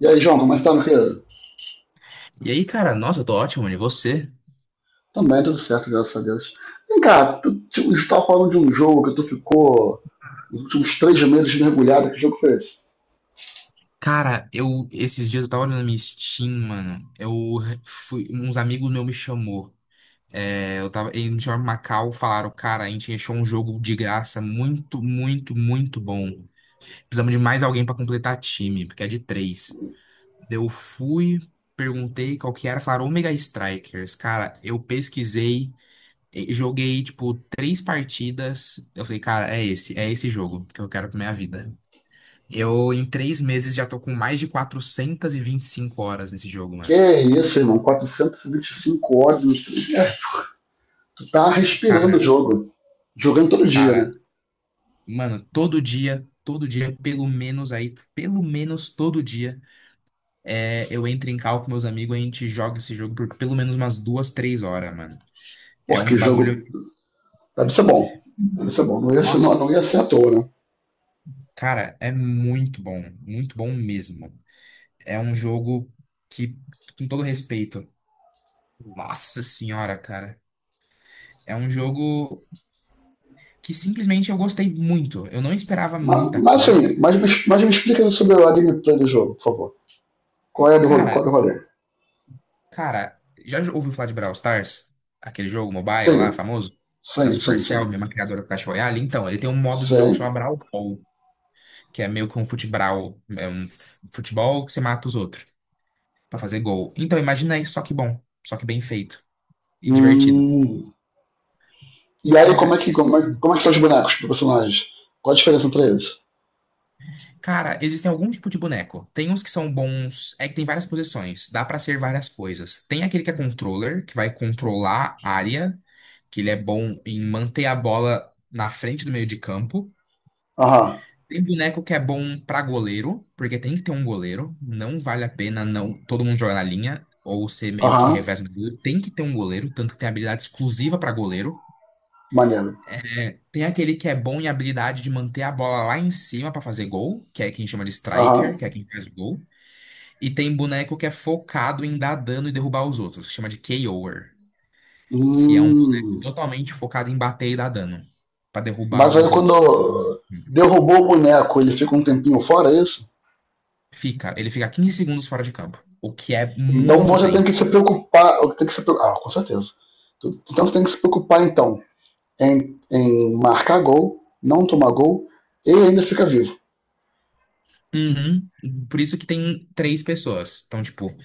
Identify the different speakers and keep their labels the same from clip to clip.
Speaker 1: E aí, João, como é que tá, meu querido?
Speaker 2: E aí, cara, nossa, eu tô ótimo, mano. E você?
Speaker 1: Também tudo certo, graças a Deus. Vem cá, tu tava falando de um jogo que tu ficou nos últimos 3 meses mergulhado. Que jogo foi esse?
Speaker 2: Cara, eu esses dias eu tava olhando na minha Steam, mano. Eu fui, uns amigos meus me chamou. É, eu tava, eles me chamaram pra Macau, falaram, cara, a gente achou um jogo de graça muito, muito, muito bom. Precisamos de mais alguém pra completar time, porque é de três. Eu fui, perguntei qual que era, falaram Omega Strikers. Cara, eu pesquisei, joguei tipo três partidas. Eu falei, cara, é esse jogo que eu quero pra minha vida. Eu, em 3 meses, já tô com mais de quatrocentas e vinte e cinco horas nesse jogo,
Speaker 1: Que
Speaker 2: mano.
Speaker 1: é isso, irmão? 425 horas nos 3 meses. Tu tá respirando
Speaker 2: Cara,
Speaker 1: o jogo. Jogando todo dia,
Speaker 2: cara,
Speaker 1: né?
Speaker 2: mano, todo dia, pelo menos aí, pelo menos todo dia, é, eu entro em call com meus amigos e a gente joga esse jogo por pelo menos umas duas, três horas, mano. É
Speaker 1: Porque
Speaker 2: um
Speaker 1: jogo
Speaker 2: bagulho.
Speaker 1: deve ser bom. Deve ser bom. Não ia ser, não, não
Speaker 2: Nossa,
Speaker 1: ia ser à toa, né?
Speaker 2: cara, é muito bom mesmo. É um jogo que, com todo respeito, nossa senhora, cara. É um jogo que simplesmente eu gostei muito. Eu não esperava
Speaker 1: Mas,
Speaker 2: muita
Speaker 1: mas assim,
Speaker 2: coisa.
Speaker 1: mas me explica sobre a gameplay do jogo, por favor. Qual é a do rolê?
Speaker 2: Cara,
Speaker 1: Qual é o rolê?
Speaker 2: cara, já ouviu falar de Brawl Stars? Aquele jogo mobile
Speaker 1: Sim,
Speaker 2: lá, famoso? Da
Speaker 1: sim, sim,
Speaker 2: Supercell,
Speaker 1: sim.
Speaker 2: mesma criadora do Clash Royale. Então, ele tem um modo de jogo que
Speaker 1: Sim.
Speaker 2: chama Brawl Ball, que é meio que um futebral, é um futebol que você mata os outros pra fazer gol. Então, imagina isso, só que bom, só que bem feito e divertido.
Speaker 1: Hum. E aí, como é
Speaker 2: Cara,
Speaker 1: que,
Speaker 2: é,
Speaker 1: como é,
Speaker 2: assim,
Speaker 1: como é que são os bonecos dos personagens? Qual a diferença entre eles?
Speaker 2: cara, existem algum tipo de boneco. Tem uns que são bons. É que tem várias posições. Dá pra ser várias coisas. Tem aquele que é controller, que vai controlar a área, que ele é bom em manter a bola na frente do meio de campo.
Speaker 1: Aham,
Speaker 2: Tem boneco que é bom pra goleiro, porque tem que ter um goleiro. Não vale a pena não todo mundo jogar na linha ou ser meio que
Speaker 1: aham,
Speaker 2: reverso do goleiro. Tem que ter um goleiro, tanto que tem habilidade exclusiva pra goleiro.
Speaker 1: maneiro.
Speaker 2: É, tem aquele que é bom em habilidade de manter a bola lá em cima pra fazer gol, que é quem chama de striker,
Speaker 1: Aham.
Speaker 2: que é quem faz gol. E tem boneco que é focado em dar dano e derrubar os outros. Chama de KOer. Que é um boneco
Speaker 1: Hum.
Speaker 2: totalmente focado em bater e dar dano. Pra derrubar
Speaker 1: Mas aí
Speaker 2: os outros.
Speaker 1: quando derrubou o boneco, ele fica um tempinho fora, é isso?
Speaker 2: Fica. Ele fica 15 segundos fora de campo. O que é
Speaker 1: Então
Speaker 2: muito
Speaker 1: você tem que
Speaker 2: tempo.
Speaker 1: se preocupar. Tem que se, ah, com certeza. Então você tem que se preocupar, então, em marcar gol, não tomar gol, e ainda fica vivo.
Speaker 2: Uhum. Por isso que tem três pessoas. Então, tipo,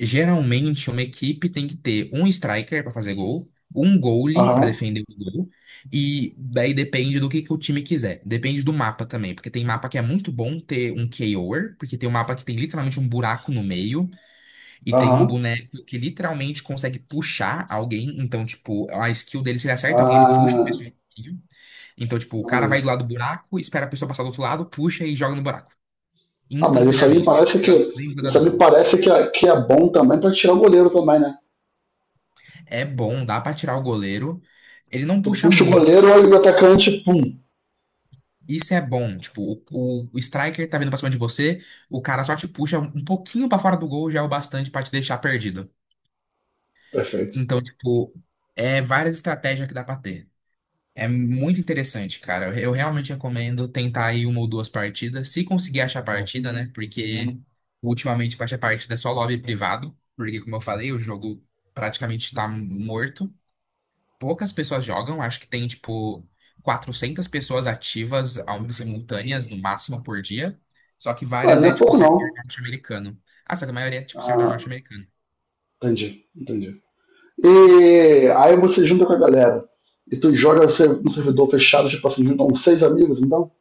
Speaker 2: geralmente uma equipe tem que ter um striker pra fazer gol, um goalie pra
Speaker 1: Aham,
Speaker 2: defender o gol, e daí depende do que o time quiser. Depende do mapa também, porque tem mapa que é muito bom ter um KOer, porque tem um mapa que tem literalmente um buraco no meio, e tem um
Speaker 1: aham.
Speaker 2: boneco que literalmente consegue puxar alguém. Então, tipo, a skill dele, se ele acerta alguém, ele puxa. E
Speaker 1: Ah,
Speaker 2: faz um. Então, tipo, o cara vai do lado do buraco, espera a pessoa passar do outro lado, puxa e joga no buraco.
Speaker 1: ah, mas isso aí me
Speaker 2: Instantaneamente. Nem
Speaker 1: parece
Speaker 2: vai
Speaker 1: que.
Speaker 2: nem vai dar
Speaker 1: Isso aí me
Speaker 2: dano.
Speaker 1: parece que é bom também pra tirar o goleiro também, né?
Speaker 2: É bom, dá pra tirar o goleiro. Ele não
Speaker 1: Tu
Speaker 2: puxa
Speaker 1: puxa o
Speaker 2: muito.
Speaker 1: goleiro, olha o atacante, pum.
Speaker 2: Isso é bom. Tipo, o striker tá vindo pra cima de você, o cara só te puxa um pouquinho pra fora do gol, já é o bastante pra te deixar perdido.
Speaker 1: Perfeito.
Speaker 2: Então, tipo, é várias estratégias que dá pra ter. É muito interessante, cara. Eu realmente recomendo tentar aí uma ou duas partidas, se conseguir achar partida, né? Porque ultimamente pra achar partida é só lobby privado, porque como eu falei, o jogo praticamente tá morto. Poucas pessoas jogam, acho que tem tipo 400 pessoas ativas simultâneas no máximo por dia, só que
Speaker 1: Ué,
Speaker 2: várias
Speaker 1: não
Speaker 2: é
Speaker 1: é
Speaker 2: tipo
Speaker 1: pouco não.
Speaker 2: servidor norte-americano. Ah, só que a maioria é tipo servidor
Speaker 1: Ah,
Speaker 2: norte-americano.
Speaker 1: entendi, entendi. E aí você junta com a galera. E tu joga no no servidor fechado, tipo assim, junta uns seis amigos, então.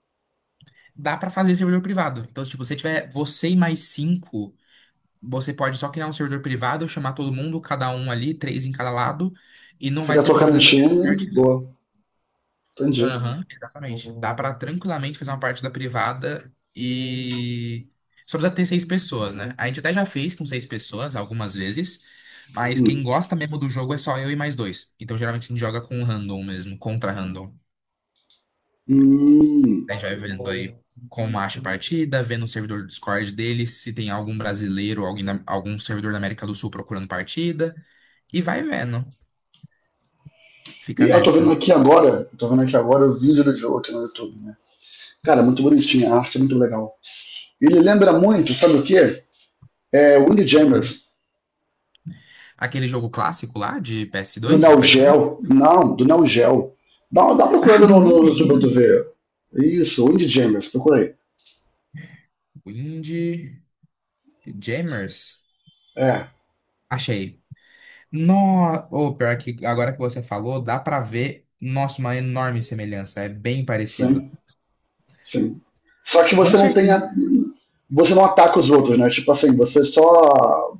Speaker 2: Dá pra fazer servidor privado. Então, se tipo, você tiver você e mais cinco, você pode só criar um servidor privado, chamar todo mundo, cada um ali, três em cada lado, e não vai
Speaker 1: Fica
Speaker 2: ter
Speaker 1: trocando
Speaker 2: problema de.
Speaker 1: time, boa. Entendi.
Speaker 2: Aham, exatamente. Dá pra tranquilamente fazer uma parte da privada e só precisa ter seis pessoas, né? A gente até já fez com seis pessoas algumas vezes, mas quem
Speaker 1: Hum.
Speaker 2: gosta mesmo do jogo é só eu e mais dois. Então geralmente a gente joga com random mesmo, contra random.
Speaker 1: Hum.
Speaker 2: A gente vai vendo aí como acha a partida, vendo o servidor do Discord dele, se tem algum brasileiro, alguém algum servidor da América do Sul procurando partida, e vai vendo. Fica
Speaker 1: E
Speaker 2: nessa.
Speaker 1: eu tô vendo aqui agora o vídeo do jogo aqui no YouTube, né? Cara, é muito bonitinho, a arte é muito legal. Ele lembra muito, sabe o quê? Windjammers
Speaker 2: Aquele jogo clássico lá de ps
Speaker 1: do
Speaker 2: dois ou
Speaker 1: Neo
Speaker 2: PS1.
Speaker 1: Geo. Não, do Neo Geo. Dá
Speaker 2: Ah,
Speaker 1: procurando
Speaker 2: do
Speaker 1: no,
Speaker 2: Neo
Speaker 1: no YouTube pra
Speaker 2: Geo!
Speaker 1: tu ver. Isso, Windjammers, Jammers, procura aí.
Speaker 2: Windjammers?
Speaker 1: É,
Speaker 2: Achei. No... Ou pior que agora que você falou, dá pra ver, nossa, uma enorme semelhança. É bem parecido.
Speaker 1: sim, sim. Só que
Speaker 2: Com
Speaker 1: você não tem.
Speaker 2: certeza.
Speaker 1: A, você não ataca os outros, né? Tipo assim, você só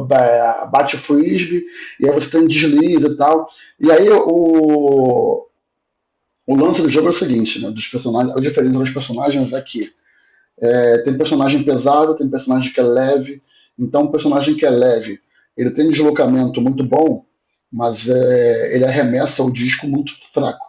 Speaker 1: bate o frisbee e aí você tem um deslize e tal. E aí o lance do jogo é o seguinte, né? Dos personagens, a diferença dos personagens é que é, tem personagem pesado, tem personagem que é leve. Então, um personagem que é leve, ele tem um deslocamento muito bom, mas ele arremessa o disco muito fraco.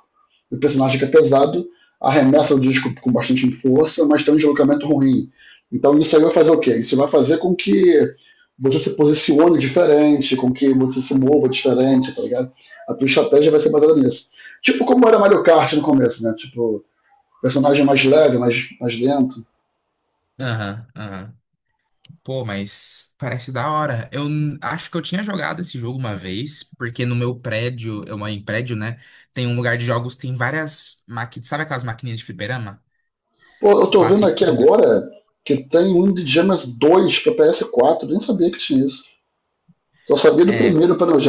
Speaker 1: O personagem que é pesado arremessa o disco com bastante força, mas tem um deslocamento ruim. Então, isso aí vai fazer o quê? Isso vai fazer com que você se posicione diferente, com que você se mova diferente, tá ligado? A tua estratégia vai ser baseada nisso. Tipo como era Mario Kart no começo, né? Tipo, personagem mais leve, mais lento.
Speaker 2: Aham, aham. Pô, mas parece da hora. Eu acho que eu tinha jogado esse jogo uma vez, porque no meu prédio, eu moro em prédio, né? Tem um lugar de jogos, tem várias máquinas. Sabe aquelas maquininhas de fliperama?
Speaker 1: Pô, eu tô vendo
Speaker 2: Clássico.
Speaker 1: aqui agora que tem um Indiana 2 pra PS4, nem sabia que tinha isso. Só sabia do primeiro para o,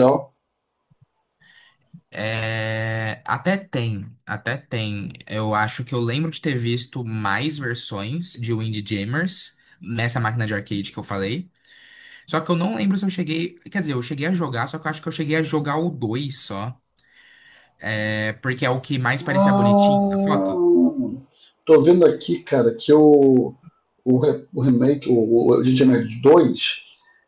Speaker 2: É, até tem, até tem. Eu acho que eu lembro de ter visto mais versões de Windjammers nessa máquina de arcade que eu falei. Só que eu não lembro se eu cheguei. Quer dizer, eu cheguei a jogar, só que eu acho que eu cheguei a jogar o 2 só. É, porque é o que mais parecia bonitinho na foto.
Speaker 1: ah, tô vendo aqui, cara, que o remake, o G G Nerd 2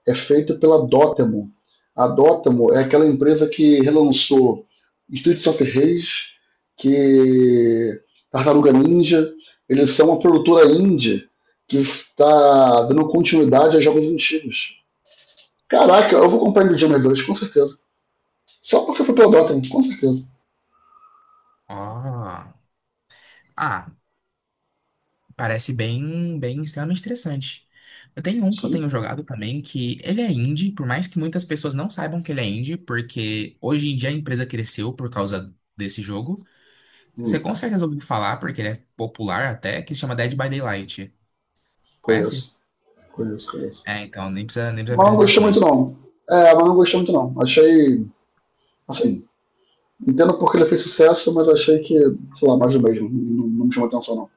Speaker 1: é feito pela Dotemu. A Dotemu é aquela empresa que relançou Streets of Rage, que Tartaruga Ninja. Eles são uma produtora indie que está dando continuidade a jogos antigos. Caraca, eu vou comprar Nintendo 2 com certeza. Só porque foi pela Dotemu, com certeza.
Speaker 2: Ó. Ah, parece bem, bem extremamente interessante. Eu tenho um que eu tenho
Speaker 1: Sim,
Speaker 2: jogado também, que ele é indie, por mais que muitas pessoas não saibam que ele é indie, porque hoje em dia a empresa cresceu por causa desse jogo. Você
Speaker 1: hum,
Speaker 2: com certeza ouviu falar, porque ele é popular até, que se chama Dead by Daylight. Conhece?
Speaker 1: conheço, conheço, conheço.
Speaker 2: É, então, nem precisa, nem precisa de
Speaker 1: Mas não gostei muito,
Speaker 2: apresentações.
Speaker 1: não. É, mas não gostei muito, não. Achei, assim, entendo porque ele fez sucesso, mas achei que, sei lá, mais do mesmo. Não, não me chamou atenção, não.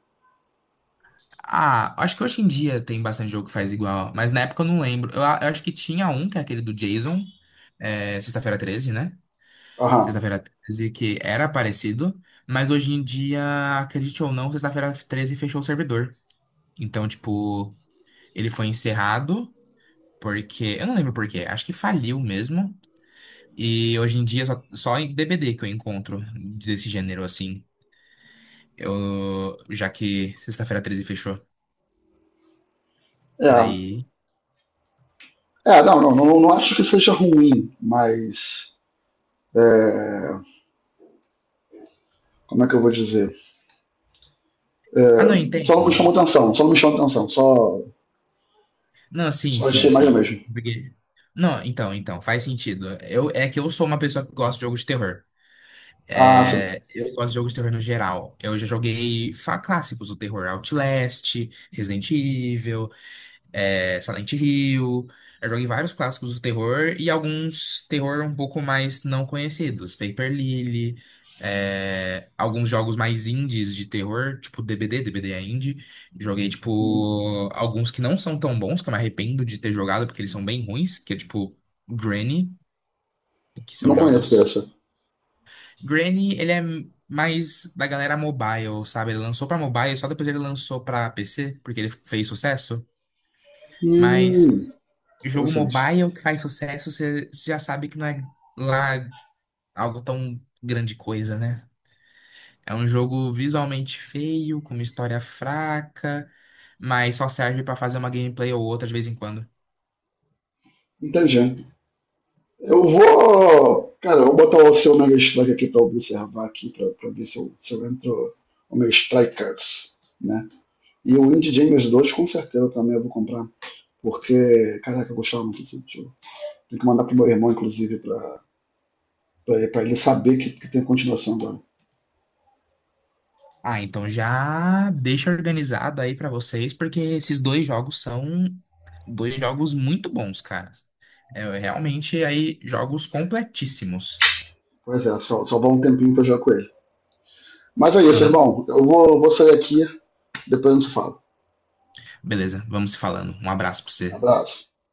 Speaker 2: Ah, acho que hoje em dia tem bastante jogo que faz igual, mas na época eu não lembro. Eu acho que tinha um, que é aquele do Jason, é, Sexta-feira 13, né?
Speaker 1: Aham.
Speaker 2: Sexta-feira 13, que era parecido, mas hoje em dia, acredite ou não, Sexta-feira 13 fechou o servidor. Então, tipo, ele foi encerrado porque. Eu não lembro por quê, acho que faliu mesmo. E hoje em dia, só em DBD que eu encontro desse gênero assim. Eu, já que Sexta-feira 13 fechou.
Speaker 1: É.
Speaker 2: Daí.
Speaker 1: É, não, não, não, não acho que seja ruim, mas. é, Como é que eu vou dizer? É,
Speaker 2: Ah, não,
Speaker 1: só
Speaker 2: entendo.
Speaker 1: não me chamou atenção, só não me chamou atenção, só,
Speaker 2: Não, sim,
Speaker 1: só achei
Speaker 2: sim,
Speaker 1: mais do
Speaker 2: sim.
Speaker 1: mesmo.
Speaker 2: Porque. Não, então, faz sentido. É que eu sou uma pessoa que gosta de jogos de terror.
Speaker 1: Ah, sim.
Speaker 2: É, eu gosto de jogos de terror no geral. Eu já joguei clássicos do terror, Outlast, Resident Evil, é, Silent Hill. Eu joguei vários clássicos do terror e alguns terror um pouco mais não conhecidos, Paper Lily, é, alguns jogos mais indies de terror, tipo DBD, DBD é indie. Joguei, tipo, alguns que não são tão bons, que eu me arrependo de ter jogado, porque eles são bem ruins, que é tipo Granny, que
Speaker 1: Não
Speaker 2: são
Speaker 1: conheço
Speaker 2: jogos.
Speaker 1: dessa.
Speaker 2: Granny, ele é mais da galera mobile, sabe? Ele lançou pra mobile, só depois ele lançou pra PC, porque ele fez sucesso.
Speaker 1: Hum,
Speaker 2: Mas jogo
Speaker 1: interessante.
Speaker 2: mobile que faz sucesso, você já sabe que não é lá algo tão grande coisa, né? É um jogo visualmente feio, com uma história fraca, mas só serve pra fazer uma gameplay ou outra de vez em quando.
Speaker 1: Entendi. Eu vou. Cara, eu vou botar o seu Omega Strike aqui para observar aqui, para ver se eu entro Omega Strike Cards, né? E o Indie James 2 com certeza também eu vou comprar, porque, caraca, eu gostava muito desse jogo. Tem que mandar pro meu irmão, inclusive, pra ele saber que tem continuação agora.
Speaker 2: Ah, então já deixa organizado aí pra vocês, porque esses dois jogos são. Dois jogos muito bons, cara. É, realmente aí jogos completíssimos.
Speaker 1: Pois é, só vai um tempinho pra eu jogar com ele. Mas é isso,
Speaker 2: Aham.
Speaker 1: irmão. Eu vou sair aqui, depois a gente se fala.
Speaker 2: Beleza, vamos se falando. Um abraço pra você.
Speaker 1: Abraço.